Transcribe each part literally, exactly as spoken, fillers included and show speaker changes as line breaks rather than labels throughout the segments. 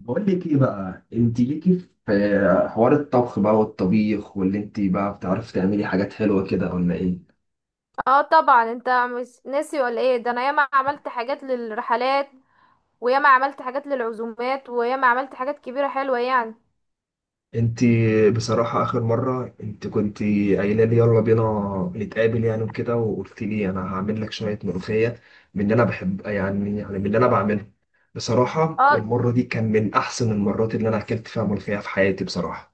بقول لك ايه بقى؟ انت ليكي في حوار الطبخ بقى والطبيخ واللي انت بقى بتعرفي تعملي حاجات حلوه كده ولا ايه؟
اه، طبعا انت مش ناسي ولا ايه؟ ده انا ياما عملت حاجات للرحلات، وياما عملت حاجات للعزومات، وياما عملت حاجات كبيرة حلوة يعني.
انت بصراحه اخر مره انت كنت قايله لي يلا بينا نتقابل، يعني وكده، وقلت لي انا هعمل لك شويه ملوخيه من اللي انا بحب، يعني يعني من اللي انا بعمله. بصراحه
اه،
المره دي كان من احسن المرات اللي انا اكلت فيها ملوخيه في حياتي بصراحه.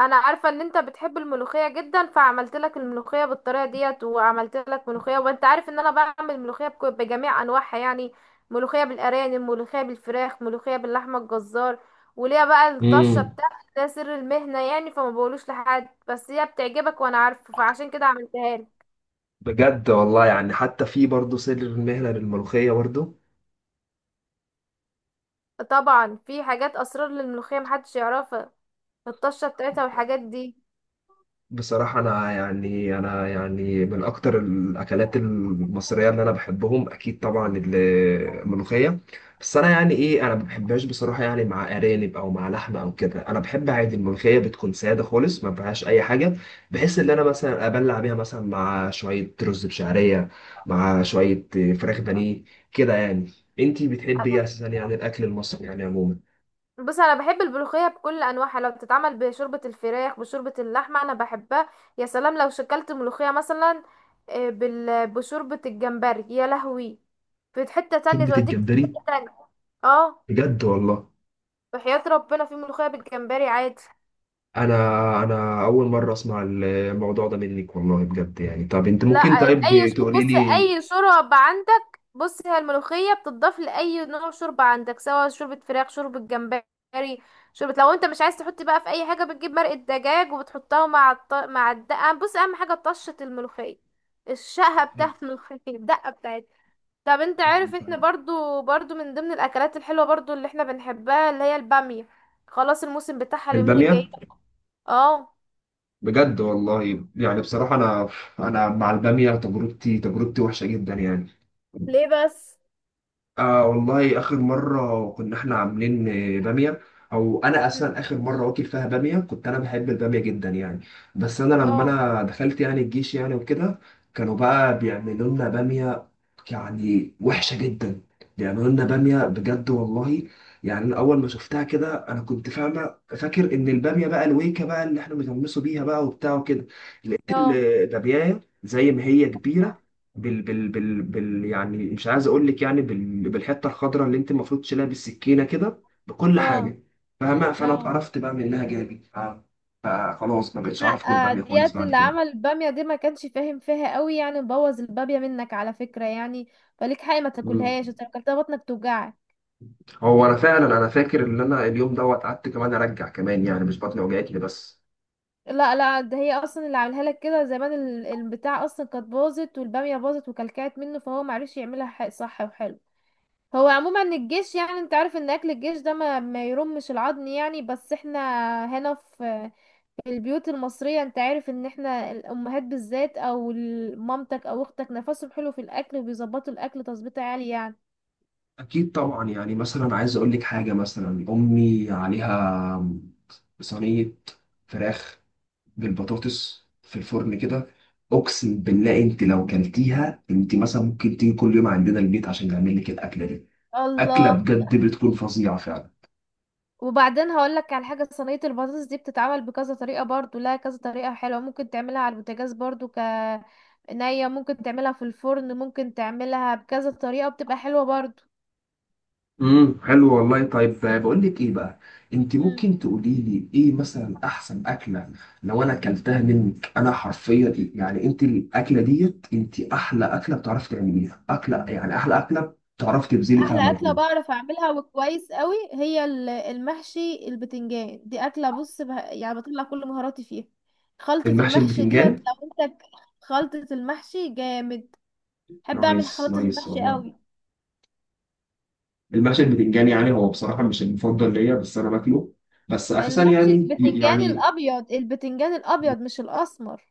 انا عارفة ان انت بتحب الملوخية جدا، فعملت لك الملوخية بالطريقة ديت، وعملت لك ملوخية. وانت عارف ان انا بعمل ملوخية بك- بجميع انواعها يعني. ملوخية بالارانب، ملوخية بالفراخ، ملوخية باللحمة الجزار. وليها بقى الطشة
امم
بتاعتي، ده سر المهنة يعني، فما بقولوش لحد، بس هي بتعجبك وانا عارفة، فعشان كده عملتها لك.
بجد والله يعني، حتى في برضه سر المهنه للملوخيه برضه.
طبعا في حاجات اسرار للملوخيه محدش يعرفها، الطشه بتاعتها والحاجات دي.
بصراحة أنا يعني أنا يعني من أكتر الأكلات المصرية اللي أنا بحبهم، أكيد طبعا ال- الملوخية. بس أنا يعني إيه، أنا ما بحبهاش بصراحة، يعني مع أرانب أو مع لحمة أو كده. أنا بحب عادي الملوخية بتكون سادة خالص ما فيهاش أي حاجة، بحيث إن أنا مثلا أبلع بيها مثلا مع شوية رز بشعرية، مع شوية فراخ بانيه كده يعني. أنتي بتحبي إيه أساسا، يعني الأكل المصري يعني عموما؟
بص، انا بحب الملوخيه بكل انواعها، لو بتتعمل بشوربه الفراخ، بشوربه اللحمه، انا بحبها. يا سلام لو شكلت ملوخيه مثلا آه، بال- بشوربه الجمبري، يا لهوي! في حته تانية،
شوربة
توديك في
الجمبري؟
حته تانية. اه،
بجد والله؟
بحياة ربنا في ملوخيه بالجمبري عادي.
انا انا اول مره اسمع الموضوع ده منك والله، بجد يعني. طب انت
لا،
ممكن
اي
طيب
شرب
تقولي
بص،
لي؟
اي شوربة عندك، بص، هي الملوخية بتضاف لأي نوع شوربة عندك، سواء شوربة فراخ، شوربة جمبري، شوربة. لو انت مش عايز تحط بقى في اي حاجة، بتجيب مرقة دجاج وبتحطها مع الط... مع الدقة. بص، اهم حاجة طشة الملوخية،
طب
الشقة
حلو،
بتاعت الملوخية، الدقة بتاعتها. طب انت
تمام،
عارف احنا
طيب.
برضو برضو من ضمن الاكلات الحلوة برضو اللي احنا بنحبها اللي هي البامية؟ خلاص الموسم بتاعها اليومين
الباميه؟
الجايين. اه.
بجد والله يعني، بصراحه انا انا مع الباميه تجربتي تجربتي وحشه جدا يعني.
ليه بس؟
آه والله آخر مرة كنا إحنا عاملين آه، بامية. أو أنا
مم.
أصلا آخر مرة واكل فيها بامية، كنت أنا بحب البامية جدا يعني. بس أنا لما
اه.
أنا دخلت يعني الجيش يعني وكده، كانوا بقى
مم.
بيعملوا لنا بامية، يعني وحشة جدا. بيعملوا لنا بامية بجد والله. يعني أنا أول ما شفتها كده أنا كنت فاهمة فاكر إن البامية بقى الويكة بقى اللي إحنا بنغمسوا بيها بقى وبتاع وكده. لقيت
اه.
البامية زي ما هي كبيرة بال بال بال بال، يعني مش عايز اقول لك، يعني بال بالحته الخضراء اللي انت المفروض تشيلها بالسكينه كده بكل
اه.
حاجه، فاهمه. فانا
اه.
اتقرفت بقى من انها جالي، ف- فخلاص ما بقتش
لا.
اعرف اكل
آه،
باميه خالص
ديت
بعد
اللي
كده.
عمل البامية دي ما كانش فاهم فيها قوي يعني، بوظ البامية منك على فكرة يعني. فليك حق ما
مم.
تاكلهاش، انت لو اكلتها بطنك توجعك.
هو انا فعلا انا فاكر ان انا اليوم دوت قعدت كمان ارجع كمان، يعني مش بطني وجعتني بس.
لا لا، ده هي اصلا اللي عاملها لك كده زمان، ال- البتاع اصلا كانت باظت، والبامية باظت وكلكعت منه، فهو معرفش يعملها ح- صح وحلو. هو عموما الجيش يعني انت عارف ان اكل الجيش ده ما, ما يرمش العظم يعني، بس احنا هنا في البيوت المصرية، انت عارف ان احنا الامهات بالذات او ال- مامتك او اختك نفسهم حلو في الاكل، وبيظبطوا الاكل تظبيط عالي يعني.
اكيد طبعا، يعني مثلا عايز اقول لك حاجه، مثلا امي عليها صينيه فراخ بالبطاطس في الفرن كده، اقسم بالله انت لو كلتيها، انت مثلا ممكن تيجي كل يوم عندنا البيت عشان نعمل لك الاكله دي. اكله
الله!
بجد بتكون فظيعه فعلا.
وبعدين هقولك على حاجة، صينية البطاطس دي بتتعمل بكذا طريقة برضو، لها كذا طريقة حلوة، ممكن تعملها على البوتاجاز برضو، ك نية ممكن تعملها في الفرن، ممكن تعملها بكذا طريقة، بتبقى حلوة برضو.
امم حلو والله، طيب بقول لك ايه بقى، انت ممكن تقولي لي ايه مثلا احسن اكله لو انا اكلتها منك، انا حرفيا إيه، يعني انت الاكله ديت انت احلى اكله بتعرفي تعمليها، اكله يعني احلى اكله بتعرفي تبذلي فيها
احلى اكله
مجهود؟
بعرف اعملها وكويس قوي هي ال- المحشي البتنجان، دي اكله بص بها يعني، بطلع كل مهاراتي فيها. خلطه
المحشي
المحشي ديت
البتنجان؟
لو انت ك- خلطه المحشي جامد، بحب اعمل
نايس
خلطه
نايس
المحشي
والله.
قوي.
المحشي البتنجان يعني هو بصراحة مش المفضل ليا، بس أنا باكله، بس أساسا
المحشي
يعني
البتنجان
يعني
الابيض، البتنجان الابيض مش الاسمر.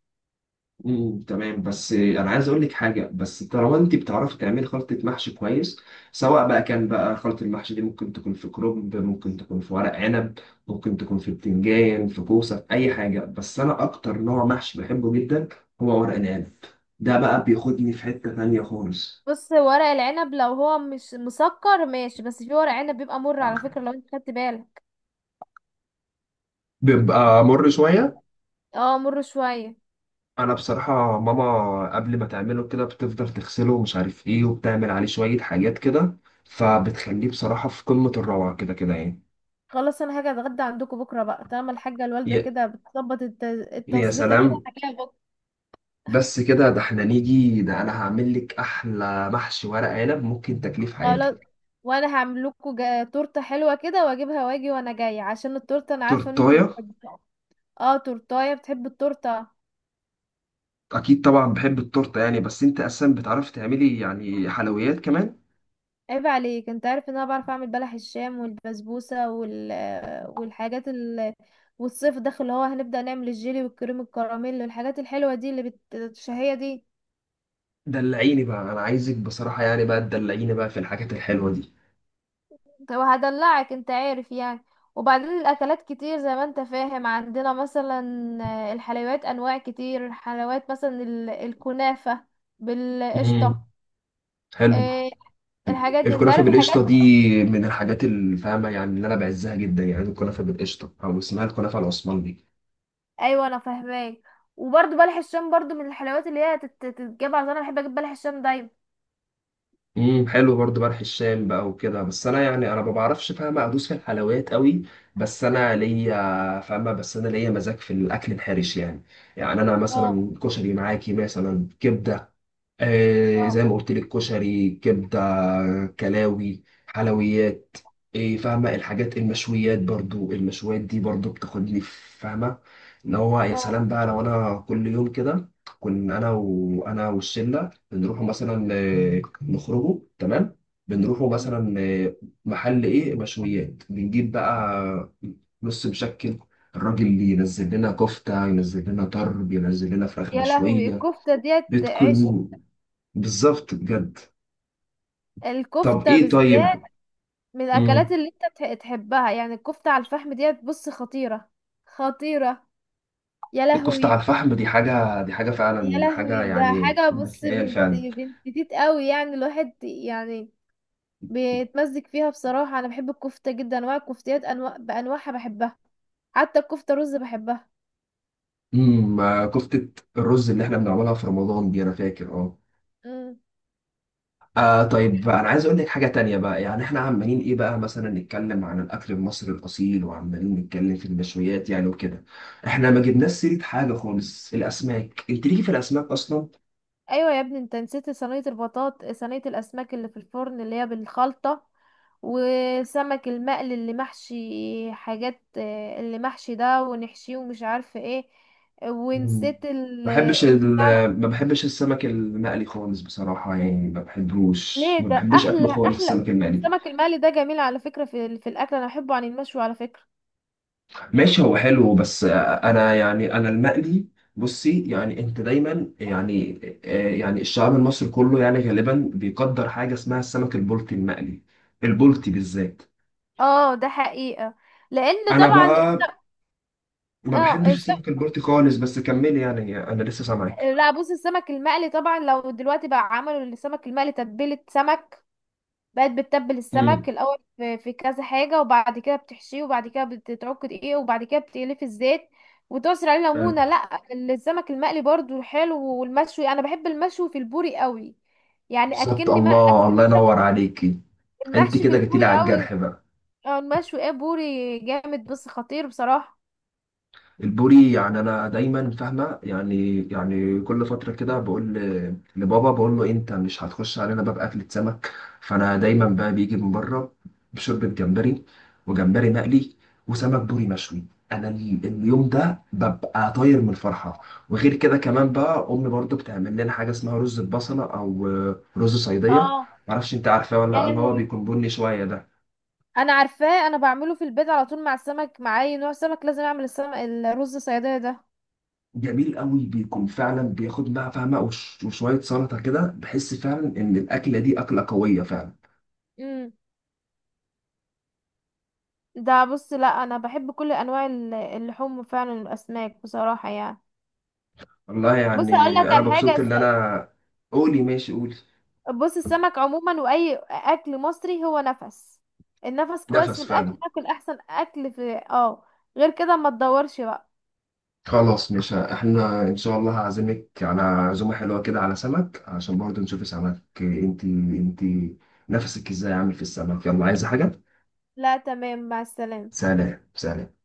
مم، تمام، بس أنا عايز أقول لك حاجة، بس طالما أنت بتعرفي تعملي خلطة محشي كويس، سواء بقى كان بقى خلطة المحشي دي ممكن تكون في كرنب، ممكن تكون في ورق عنب، ممكن تكون في بتنجان، في كوسة، في أي حاجة. بس أنا أكتر نوع محشي بحبه جدا هو ورق العنب. ده بقى بياخدني في حتة تانية خالص.
بص، ورق العنب لو هو مش مسكر ماشي، بس في ورق عنب بيبقى مر على فكره لو انت خدت بالك.
بيبقى مر شوية.
اه، مر شويه.
انا بصراحه ماما قبل ما تعمله كده بتفضل تغسله ومش عارف ايه، وبتعمل عليه شويه حاجات كده، فبتخليه بصراحه في قمه الروعه كده كده يعني.
خلاص، انا هاجي اتغدى عندكم بكره بقى، طالما الحاجه الوالده
يا
كده بتظبط الت-
يا
التظبيطه كده،
سلام.
هجيلها بكره.
بس كده، ده احنا نيجي، ده انا هعمل لك احلى محشي ورق عنب ممكن تاكليه في
خلاص،
حياتك.
وانا هعمل لكم جا- تورته حلوه كده واجيبها، واجي وانا جايه عشان التورته، انا عارفه ان انتوا
تورتايه؟
بتحبوها. اه تورتايه بتحب التورته.
اكيد طبعا بحب التورته يعني، بس انت اساسا بتعرفي تعملي يعني حلويات كمان؟
عيب عليك، انت عارف ان انا بعرف اعمل بلح الشام والبسبوسه وال والحاجات ال والصيف داخل اللي هو هنبدأ نعمل الجيلي والكريم الكراميل والحاجات الحلوة دي اللي بت... الشهية دي.
دلعيني بقى، انا عايزك بصراحه يعني بقى تدلعيني بقى في الحاجات الحلوه دي.
طب هدلعك، انت عارف يعني. وبعدين الاكلات كتير زي ما انت فاهم، عندنا مثلا آه، الحلويات انواع كتير، الحلويات مثلا ال- الكنافة
امم
بالقشطة.
حلو.
آه، الحاجات دي انت
الكنافة
عارف الحاجات.
بالقشطة دي من الحاجات الفاهمة يعني، اللي أنا بعزها جدا يعني، الكنافة بالقشطة أو اسمها الكنافة العثماني.
ايوه انا فاهماك. وبرضه بلح الشام برضه من الحلويات اللي هي تت- تتجاب، عشان انا بحب اجيب بلح الشام دايما.
امم حلو برضو، بلح الشام بقى وكده. بس أنا يعني أنا ما بعرفش فاهمة أدوس في الحلويات قوي، بس أنا ليا فاهمة، بس أنا ليا مزاج في الأكل الحرش يعني. يعني أنا
اه.
مثلا كشري، معاكي مثلا كبدة، آه زي ما
اه.
قلت لك، كشري، كبدة، كلاوي، حلويات، إيه، فاهمة. الحاجات المشويات برضو، المشويات دي برضو بتاخدني في- فاهمة. ان هو يا
اه.
سلام بقى لو انا كل يوم كده، كنا انا وانا والشلة بنروحوا مثلا آه، نخرجوا تمام، بنروحوا
مم.
مثلا آه، محل ايه مشويات، بنجيب بقى نص مشكل. الراجل اللي ينزل لنا كفتة، ينزل لنا طرب، ينزل لنا فراخ
يا لهوي
مشوية،
الكفتة ديت عيش!
بتكون بالظبط بجد. طب
الكفتة
ايه
بالذات
طيب.
من الاكلات
امم
اللي انت تح- تحبها يعني، الكفتة على الفحم ديت بص خطيرة. خطيرة. يا
الكفتة على
لهوي.
الفحم دي حاجة، دي حاجة
يا
فعلا، حاجة
لهوي، ده
يعني.
حاجة بص،
خيال
بنت
فعلا.
بنت تيت قوي يعني، الواحد يعني بيتمزج فيها. بصراحة انا بحب الكفتة جدا، انواع الكفتيات انواع بانواعها بحبها، حتى الكفتة رز بحبها.
امم آه، كفتة الرز اللي احنا بنعملها في رمضان دي انا فاكر اه.
إمم.
آه طيب، انا عايز اقول لك حاجة تانية بقى، يعني احنا عمالين ايه بقى مثلا؟ نتكلم عن الاكل المصري الاصيل، وعمالين نتكلم في المشويات يعني وكده، احنا ما جبناش سيرة حاجة خالص، الاسماك. انت ليكي في الاسماك اصلا؟
ايوه يا ابني، انت نسيت صينيه البطاط صينيه الاسماك اللي في الفرن اللي هي بالخلطه، وسمك المقل اللي محشي، حاجات آه، اللي محشي ده ونحشيه ومش عارفه ايه،
مم.
ونسيت ال
ما بحبش ال...
البتاع.
ما بحبش السمك المقلي خالص بصراحة يعني، ما بحبوش
ليه؟
ما
ده
بحبوش أكله
احلى،
خالص
احلى
السمك المقلي.
السمك المقلي ده جميل على فكره، في ال- في الاكل انا بحبه عن المشوي على فكره.
ماشي، هو حلو، بس أنا يعني أنا المقلي، بصي يعني أنت دايما يعني آه، يعني الشعب المصري كله يعني غالبا بيقدر حاجة اسمها السمك البلطي المقلي، البلطي بالذات.
اه، ده حقيقه، لان
أنا
طبعا
بقى
انت
ما
اه
بحبش
الس-
السمك البلطي خالص، بس كملي يعني أنا لسه سامعك.
لا، بص، السمك المقلي طبعا لو دلوقتي بقى عملوا السمك المقلي تتبيله سمك، بقت بتتبل
مم.
السمك الاول في في كذا حاجه، وبعد كده بتحشيه، وبعد كده بتتعك دقيق، وبعد كده بتقليه في الزيت وتعصر عليه
آه،
ليمونه. لا، السمك المقلي برضو حلو، والمشوي انا بحب المشوي في البوري قوي يعني،
بالظبط،
اكلني ما
الله الله
اكلني سمك.
ينور عليكي. أنت
المحشي في
كده جيتيلي
البوري
على
قوي.
الجرح بقى.
اه، المشوي ايه، بوري جامد بس خطير بصراحه.
البوري يعني انا دايما فاهمه يعني يعني كل فتره كده بقول ل- لبابا، بقول له انت مش هتخش علينا باب اكله سمك؟ فانا دايما بقى بيجي من بره بشوربه جمبري، وجمبري مقلي، وسمك بوري مشوي، انا ال- اليوم ده ببقى طاير من الفرحه. وغير كده كمان بقى امي برضو بتعمل لنا حاجه اسمها رز البصله، او آه، رز صيديه.
اه،
معرفش انت عارفاه ولا
يا
لأ، اللي هو
لهوي
بيكون بني شويه ده.
انا عارفاه، انا بعمله في البيت على طول مع السمك، مع اي نوع سمك لازم اعمل السمك الرز صياديه ده.
جميل قوي، بيكون فعلا بياخد بقى فاهمه وش- وشويه سلطه كده، بحس فعلا ان الاكله دي اكله قويه فعلا.
امم. ده بص، لا، انا بحب كل انواع ال- اللحوم فعلا، الاسماك بصراحه يعني.
والله
بص اقول
يعني
لك
انا
على حاجه،
مبسوط ان
الس-
انا، قولي ماشي، قولي.
بص، السمك عموما واي اكل مصري هو نفس، النفس كويس في
نفس فعلا.
الاكل، تاكل احسن اكل في اه، غير كده ما تدورش بقى.
خلاص، مش احنا ان شاء الله هعزمك على عزومه حلوه كده على سمك، عشان برضه نشوف سمك، انت انت نفسك ازاي عامل في السمك. يلا عايزه حاجه؟
لا، تمام، مع السلامه.
سلام سلام.